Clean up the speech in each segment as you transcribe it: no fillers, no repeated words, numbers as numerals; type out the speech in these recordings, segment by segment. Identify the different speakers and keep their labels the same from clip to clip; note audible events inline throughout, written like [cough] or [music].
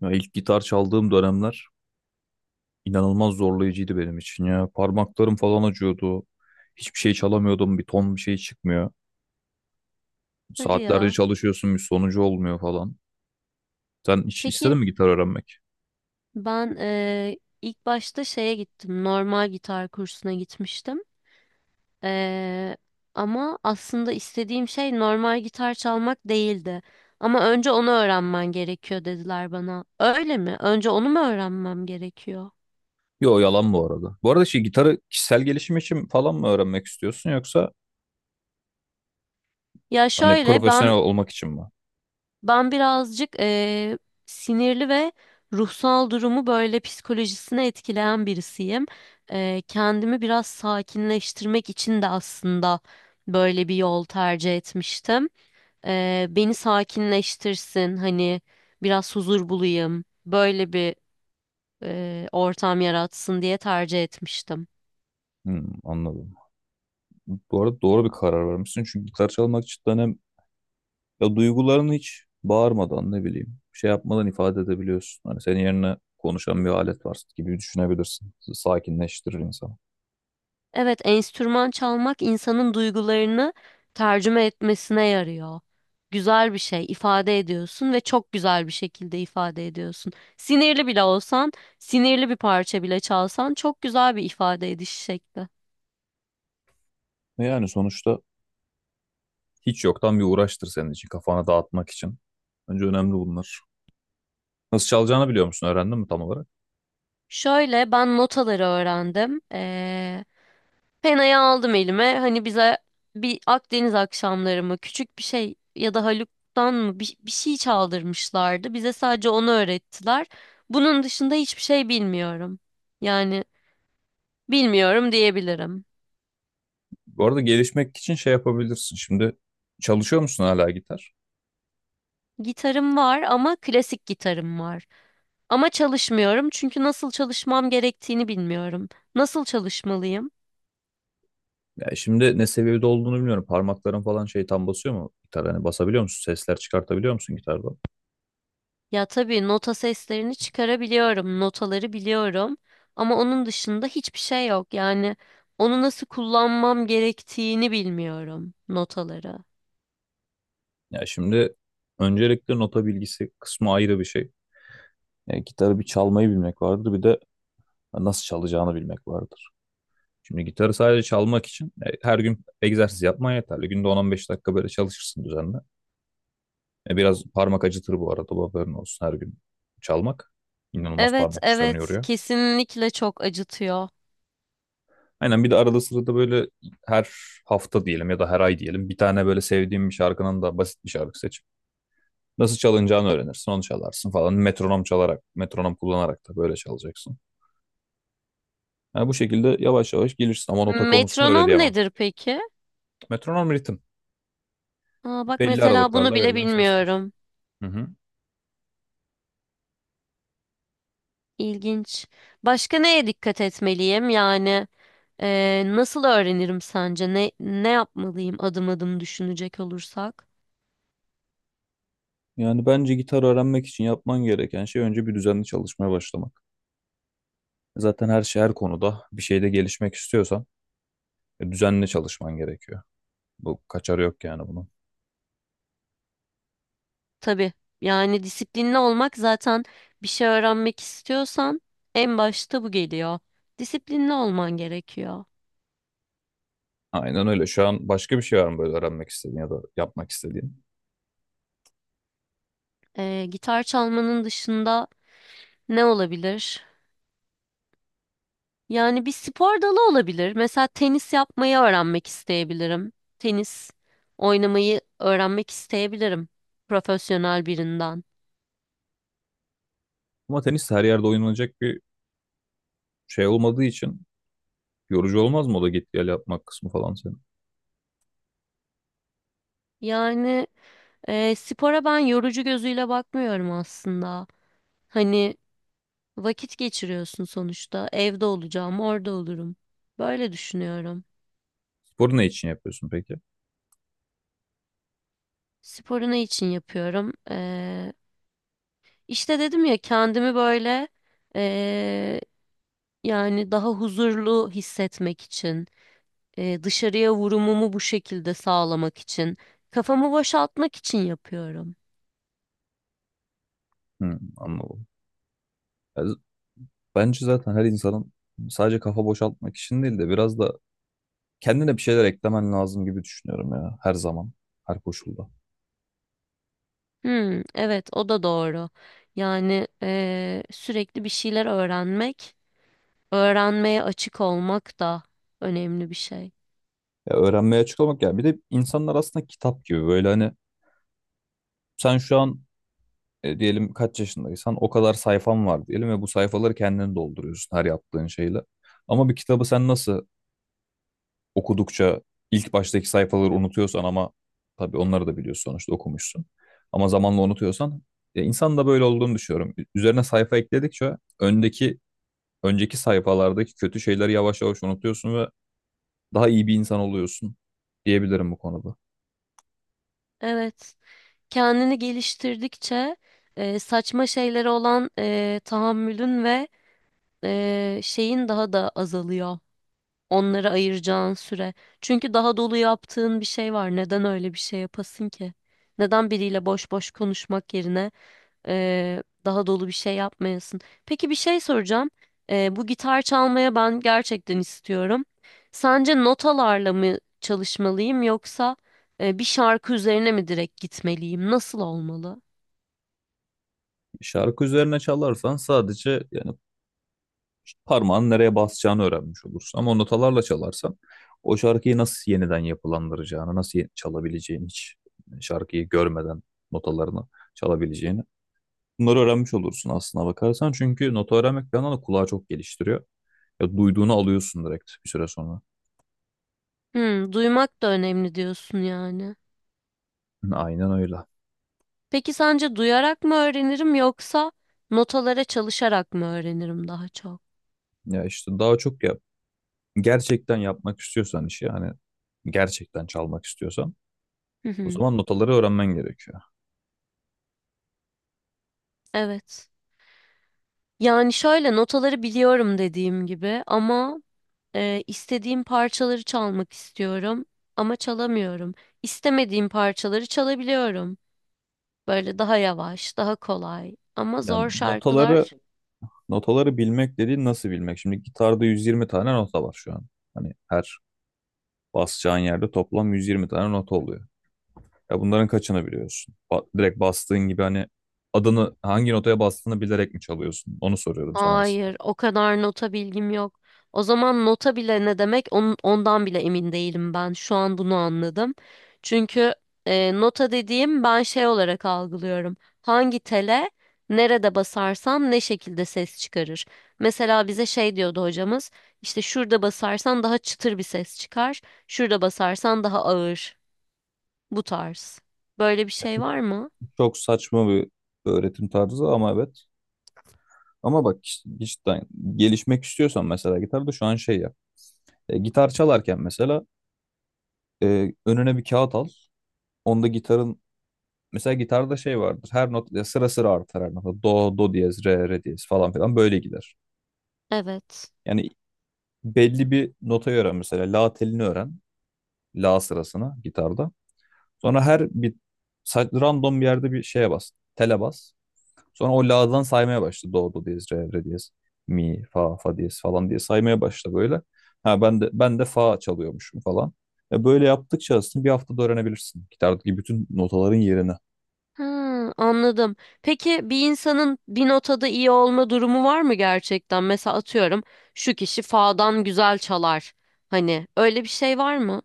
Speaker 1: Ya ilk gitar çaldığım dönemler inanılmaz zorlayıcıydı benim için ya. Parmaklarım falan acıyordu. Hiçbir şey çalamıyordum. Bir ton bir şey çıkmıyor.
Speaker 2: Hadi
Speaker 1: Saatlerce
Speaker 2: ya.
Speaker 1: çalışıyorsun bir sonucu olmuyor falan. Sen hiç istedin
Speaker 2: Peki
Speaker 1: mi gitar öğrenmek?
Speaker 2: ben ilk başta şeye gittim. Normal gitar kursuna gitmiştim. Eee, ama aslında istediğim şey normal gitar çalmak değildi. Ama önce onu öğrenmen gerekiyor dediler bana. Öyle mi? Önce onu mu öğrenmem gerekiyor?
Speaker 1: Yo yalan bu arada. Bu arada şey gitarı kişisel gelişim için falan mı öğrenmek istiyorsun yoksa
Speaker 2: Ya
Speaker 1: hani
Speaker 2: şöyle
Speaker 1: profesyonel
Speaker 2: ben
Speaker 1: olmak için mi?
Speaker 2: Ben birazcık sinirli ve ruhsal durumu böyle psikolojisine etkileyen birisiyim. Kendimi biraz sakinleştirmek için de aslında böyle bir yol tercih etmiştim. Beni sakinleştirsin, hani biraz huzur bulayım, böyle bir ortam yaratsın diye tercih etmiştim.
Speaker 1: Hmm, anladım. Bu arada doğru bir karar vermişsin. Çünkü gitar çalmak cidden hem ya duygularını hiç bağırmadan ne bileyim şey yapmadan ifade edebiliyorsun. Hani senin yerine konuşan bir alet var gibi düşünebilirsin. Sakinleştirir insanı.
Speaker 2: Evet, enstrüman çalmak insanın duygularını tercüme etmesine yarıyor. Güzel bir şey ifade ediyorsun ve çok güzel bir şekilde ifade ediyorsun. Sinirli bile olsan, sinirli bir parça bile çalsan çok güzel bir ifade ediş şekli.
Speaker 1: Ve yani sonuçta hiç yoktan bir uğraştır senin için kafana dağıtmak için. Bence önemli bunlar. Nasıl çalacağını biliyor musun? Öğrendin mi tam olarak?
Speaker 2: Şöyle ben notaları öğrendim. Penayı aldım elime. Hani bize bir Akdeniz akşamları mı küçük bir şey ya da Haluk'tan mı bir şey çaldırmışlardı. Bize sadece onu öğrettiler. Bunun dışında hiçbir şey bilmiyorum. Yani bilmiyorum diyebilirim.
Speaker 1: Bu arada gelişmek için şey yapabilirsin. Şimdi çalışıyor musun hala gitar?
Speaker 2: Gitarım var ama klasik gitarım var. Ama çalışmıyorum çünkü nasıl çalışmam gerektiğini bilmiyorum. Nasıl çalışmalıyım?
Speaker 1: Ya şimdi ne seviyede olduğunu bilmiyorum. Parmakların falan şey tam basıyor mu gitar? Hani basabiliyor musun? Sesler çıkartabiliyor musun gitarda?
Speaker 2: Ya tabii nota seslerini çıkarabiliyorum, notaları biliyorum ama onun dışında hiçbir şey yok. Yani onu nasıl kullanmam gerektiğini bilmiyorum notaları.
Speaker 1: Ya şimdi öncelikle nota bilgisi kısmı ayrı bir şey. Gitarı bir çalmayı bilmek vardır, bir de nasıl çalacağını bilmek vardır. Şimdi gitarı sadece çalmak için her gün egzersiz yapman yeterli. Günde 10-15 dakika böyle çalışırsın düzenli. Biraz parmak acıtır bu arada, bu haberin olsun her gün çalmak. İnanılmaz
Speaker 2: Evet,
Speaker 1: parmak uçlarını
Speaker 2: evet,
Speaker 1: yoruyor.
Speaker 2: kesinlikle çok acıtıyor.
Speaker 1: Aynen bir de arada sırada böyle her hafta diyelim ya da her ay diyelim bir tane böyle sevdiğim bir şarkının da basit bir şarkı seç. Nasıl çalınacağını öğrenirsin. Onu çalarsın falan. Metronom çalarak, metronom kullanarak da böyle çalacaksın. Yani bu şekilde yavaş yavaş gelirsin ama nota konusunu öyle
Speaker 2: Metronom
Speaker 1: diyemem.
Speaker 2: nedir peki?
Speaker 1: Metronom ritim.
Speaker 2: Aa, bak
Speaker 1: Belli
Speaker 2: mesela bunu
Speaker 1: aralıklarla
Speaker 2: bile
Speaker 1: verilen sesler.
Speaker 2: bilmiyorum.
Speaker 1: Hı hı.
Speaker 2: İlginç. Başka neye dikkat etmeliyim? Yani nasıl öğrenirim sence? Ne yapmalıyım adım adım düşünecek olursak?
Speaker 1: Yani bence gitar öğrenmek için yapman gereken şey önce bir düzenli çalışmaya başlamak. Zaten her şey her konuda bir şeyde gelişmek istiyorsan düzenli çalışman gerekiyor. Bu kaçarı yok yani bunun.
Speaker 2: Tabii yani disiplinli olmak zaten bir şey öğrenmek istiyorsan en başta bu geliyor. Disiplinli olman gerekiyor.
Speaker 1: Aynen öyle. Şu an başka bir şey var mı böyle öğrenmek istediğin ya da yapmak istediğin?
Speaker 2: Gitar çalmanın dışında ne olabilir? Yani bir spor dalı olabilir. Mesela tenis yapmayı öğrenmek isteyebilirim. Tenis oynamayı öğrenmek isteyebilirim profesyonel birinden.
Speaker 1: Ama tenis her yerde oynanacak bir şey olmadığı için yorucu olmaz mı o da git gel yapmak kısmı falan senin?
Speaker 2: Yani spora ben yorucu gözüyle bakmıyorum aslında. Hani vakit geçiriyorsun sonuçta. Evde olacağım, orada olurum. Böyle düşünüyorum.
Speaker 1: Sporu ne için yapıyorsun peki?
Speaker 2: Sporu ne için yapıyorum? İşte dedim ya kendimi böyle ee, yani daha huzurlu hissetmek için, dışarıya vurumumu bu şekilde sağlamak için, kafamı boşaltmak için yapıyorum.
Speaker 1: Hı, anladım. Ya bence zaten her insanın sadece kafa boşaltmak için değil de biraz da kendine bir şeyler eklemen lazım gibi düşünüyorum ya her zaman, her koşulda.
Speaker 2: Hmm, evet o da doğru. Yani sürekli bir şeyler öğrenmek, öğrenmeye açık olmak da önemli bir şey.
Speaker 1: Ya öğrenmeye açık olmak yani bir de insanlar aslında kitap gibi böyle hani sen şu an diyelim kaç yaşındaysan o kadar sayfan var diyelim ve bu sayfaları kendin dolduruyorsun her yaptığın şeyle. Ama bir kitabı sen nasıl okudukça ilk baştaki sayfaları unutuyorsan ama tabii onları da biliyorsun sonuçta okumuşsun. Ama zamanla unutuyorsan ya insan da böyle olduğunu düşünüyorum. Üzerine sayfa ekledikçe önceki sayfalardaki kötü şeyleri yavaş yavaş unutuyorsun ve daha iyi bir insan oluyorsun diyebilirim bu konuda.
Speaker 2: Evet, kendini geliştirdikçe saçma şeylere olan tahammülün ve şeyin daha da azalıyor. Onları ayıracağın süre. Çünkü daha dolu yaptığın bir şey var. Neden öyle bir şey yapasın ki? Neden biriyle boş boş konuşmak yerine daha dolu bir şey yapmayasın? Peki bir şey soracağım. Bu gitar çalmaya ben gerçekten istiyorum. Sence notalarla mı çalışmalıyım yoksa bir şarkı üzerine mi direkt gitmeliyim? Nasıl olmalı?
Speaker 1: Şarkı üzerine çalarsan sadece yani parmağın nereye basacağını öğrenmiş olursun. Ama notalarla çalarsan o şarkıyı nasıl yeniden yapılandıracağını, nasıl çalabileceğini hiç şarkıyı görmeden notalarını çalabileceğini. Bunları öğrenmiş olursun aslına bakarsan. Çünkü notu öğrenmek bir yandan da kulağı çok geliştiriyor. Ya duyduğunu alıyorsun direkt bir süre sonra.
Speaker 2: Hmm, duymak da önemli diyorsun yani.
Speaker 1: [laughs] Hı, aynen öyle.
Speaker 2: Peki sence duyarak mı öğrenirim yoksa notalara çalışarak mı öğrenirim daha çok?
Speaker 1: Ya işte daha çok ya gerçekten yapmak istiyorsan işi hani gerçekten çalmak istiyorsan
Speaker 2: Hı
Speaker 1: o
Speaker 2: hı.
Speaker 1: zaman notaları öğrenmen gerekiyor.
Speaker 2: Evet. Yani şöyle notaları biliyorum dediğim gibi ama istediğim parçaları çalmak istiyorum ama çalamıyorum. İstemediğim parçaları çalabiliyorum. Böyle daha yavaş, daha kolay ama
Speaker 1: Yani
Speaker 2: zor
Speaker 1: notaları
Speaker 2: şarkılar.
Speaker 1: notaları bilmek dediğin nasıl bilmek? Şimdi gitarda 120 tane nota var şu an. Hani her basacağın yerde toplam 120 tane nota oluyor. Ya bunların kaçını biliyorsun? Direkt bastığın gibi hani adını hangi notaya bastığını bilerek mi çalıyorsun? Onu soruyorum sana aslında.
Speaker 2: Hayır, o kadar nota bilgim yok. O zaman nota bile ne demek onun, ondan bile emin değilim ben. Şu an bunu anladım. Çünkü nota dediğim ben şey olarak algılıyorum. Hangi tele nerede basarsam ne şekilde ses çıkarır. Mesela bize şey diyordu hocamız. İşte şurada basarsan daha çıtır bir ses çıkar. Şurada basarsan daha ağır. Bu tarz. Böyle bir
Speaker 1: Ya
Speaker 2: şey
Speaker 1: çok
Speaker 2: var mı?
Speaker 1: çok saçma bir öğretim tarzı ama evet. Ama bak işte gelişmek istiyorsan mesela gitarda şu an şey yap. Gitar çalarken mesela önüne bir kağıt al. Onda gitarın mesela gitarda şey vardır. Her not ya sıra sıra artar her nota. Do, do diyez, re, re diyez falan filan böyle gider.
Speaker 2: Evet.
Speaker 1: Yani belli bir notayı öğren mesela la telini öğren. La sırasına gitarda. Sonra her bir random bir yerde bir şeye bas. Tele bas. Sonra o la'dan saymaya başla. Do, do diyez, re, re diyez, mi, fa, fa diyez falan diye saymaya başla böyle. Ha ben de fa çalıyormuşum falan. Böyle yaptıkça aslında bir haftada öğrenebilirsin. Gitardaki bütün notaların yerini.
Speaker 2: Ha, anladım. Peki bir insanın bir notada iyi olma durumu var mı gerçekten? Mesela atıyorum şu kişi fa'dan güzel çalar. Hani öyle bir şey var mı?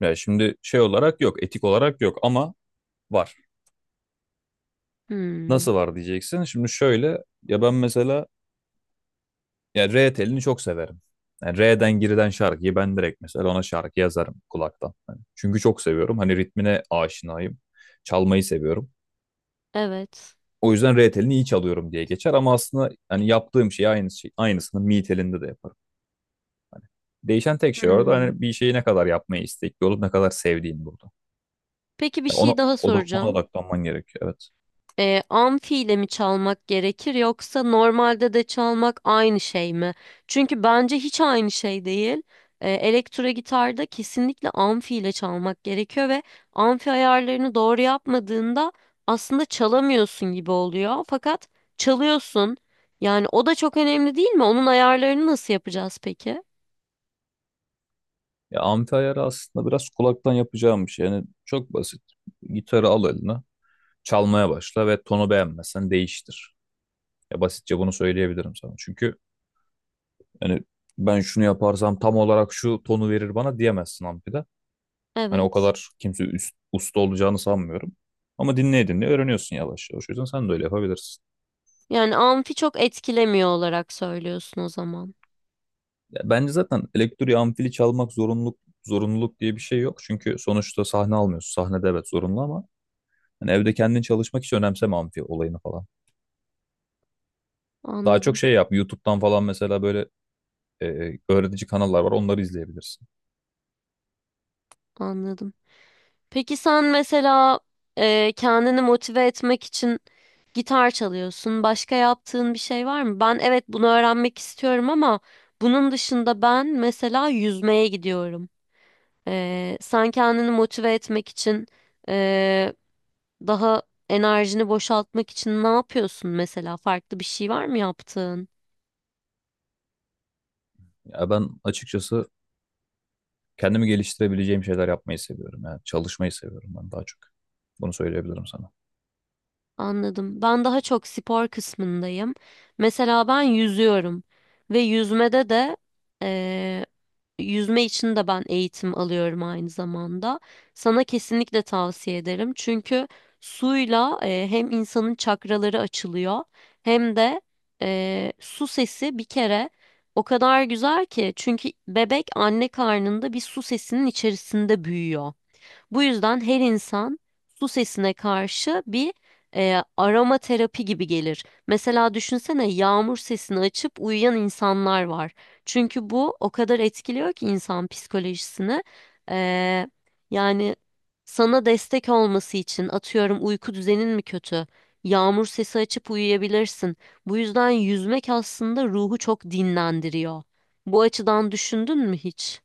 Speaker 1: Yani şimdi şey olarak yok, etik olarak yok ama var.
Speaker 2: Hmm,
Speaker 1: Nasıl var diyeceksin. Şimdi şöyle ya ben mesela yani R telini çok severim. Yani R'den girilen şarkıyı ben direkt mesela ona şarkı yazarım kulaktan. Hani çünkü çok seviyorum. Hani ritmine aşinayım. Çalmayı seviyorum.
Speaker 2: evet.
Speaker 1: O yüzden R telini iyi çalıyorum diye geçer ama aslında hani yaptığım şey aynı şey, aynısını mi telinde de yaparım. Değişen tek şey orada
Speaker 2: Hmm.
Speaker 1: hani bir şeyi ne kadar yapmaya istekli olup ne kadar sevdiğin burada.
Speaker 2: Peki bir
Speaker 1: Yani ona,
Speaker 2: şey daha
Speaker 1: oda, ona
Speaker 2: soracağım.
Speaker 1: odaklanman gerekiyor evet.
Speaker 2: Amfi ile mi çalmak gerekir yoksa normalde de çalmak aynı şey mi? Çünkü bence hiç aynı şey değil. Elektro gitarda kesinlikle amfi ile çalmak gerekiyor ve amfi ayarlarını doğru yapmadığında aslında çalamıyorsun gibi oluyor. Fakat çalıyorsun. Yani o da çok önemli değil mi? Onun ayarlarını nasıl yapacağız peki?
Speaker 1: Ya amfi ayarı aslında biraz kulaktan yapacağım bir şey. Yani çok basit. Gitarı al eline, çalmaya başla ve tonu beğenmezsen değiştir. Ya basitçe bunu söyleyebilirim sana. Çünkü hani ben şunu yaparsam tam olarak şu tonu verir bana diyemezsin amfide. Hani o
Speaker 2: Evet.
Speaker 1: kadar kimse usta olacağını sanmıyorum. Ama dinleye dinleye öğreniyorsun yavaş yavaş. O yüzden sen de öyle yapabilirsin.
Speaker 2: Yani amfi çok etkilemiyor olarak söylüyorsun o zaman.
Speaker 1: Ya bence zaten elektriği amfili çalmak zorunluluk diye bir şey yok. Çünkü sonuçta sahne almıyorsun. Sahnede evet zorunlu ama hani evde kendin çalışmak hiç önemseme amfi olayını falan. Daha çok
Speaker 2: Anladım,
Speaker 1: şey yap. YouTube'dan falan mesela böyle öğretici kanallar var. Onları izleyebilirsin.
Speaker 2: anladım. Peki sen mesela kendini motive etmek için gitar çalıyorsun. Başka yaptığın bir şey var mı? Ben evet bunu öğrenmek istiyorum ama bunun dışında ben mesela yüzmeye gidiyorum. Sen kendini motive etmek için e, daha enerjini boşaltmak için ne yapıyorsun mesela? Farklı bir şey var mı yaptığın?
Speaker 1: Ya ben açıkçası kendimi geliştirebileceğim şeyler yapmayı seviyorum. Yani çalışmayı seviyorum ben daha çok. Bunu söyleyebilirim sana.
Speaker 2: Anladım. Ben daha çok spor kısmındayım. Mesela ben yüzüyorum ve yüzmede de eee, yüzme için de ben eğitim alıyorum aynı zamanda. Sana kesinlikle tavsiye ederim. Çünkü suyla hem insanın çakraları açılıyor hem de su sesi bir kere o kadar güzel ki çünkü bebek anne karnında bir su sesinin içerisinde büyüyor. Bu yüzden her insan su sesine karşı bir aroma terapi gibi gelir. Mesela düşünsene yağmur sesini açıp uyuyan insanlar var. Çünkü bu o kadar etkiliyor ki insan psikolojisini. E, yani sana destek olması için atıyorum uyku düzenin mi kötü? Yağmur sesi açıp uyuyabilirsin. Bu yüzden yüzmek aslında ruhu çok dinlendiriyor. Bu açıdan düşündün mü hiç?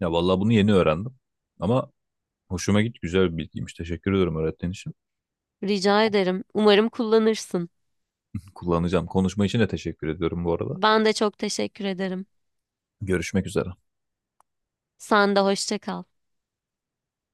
Speaker 1: Ya vallahi bunu yeni öğrendim. Ama hoşuma git güzel bir bilgiymiş. Teşekkür ediyorum öğrettiğin için.
Speaker 2: Rica
Speaker 1: Ku-
Speaker 2: ederim. Umarım kullanırsın.
Speaker 1: Kullanacağım. Konuşma için de teşekkür ediyorum bu arada.
Speaker 2: Ben de çok teşekkür ederim.
Speaker 1: Görüşmek üzere.
Speaker 2: Sen de hoşça kal.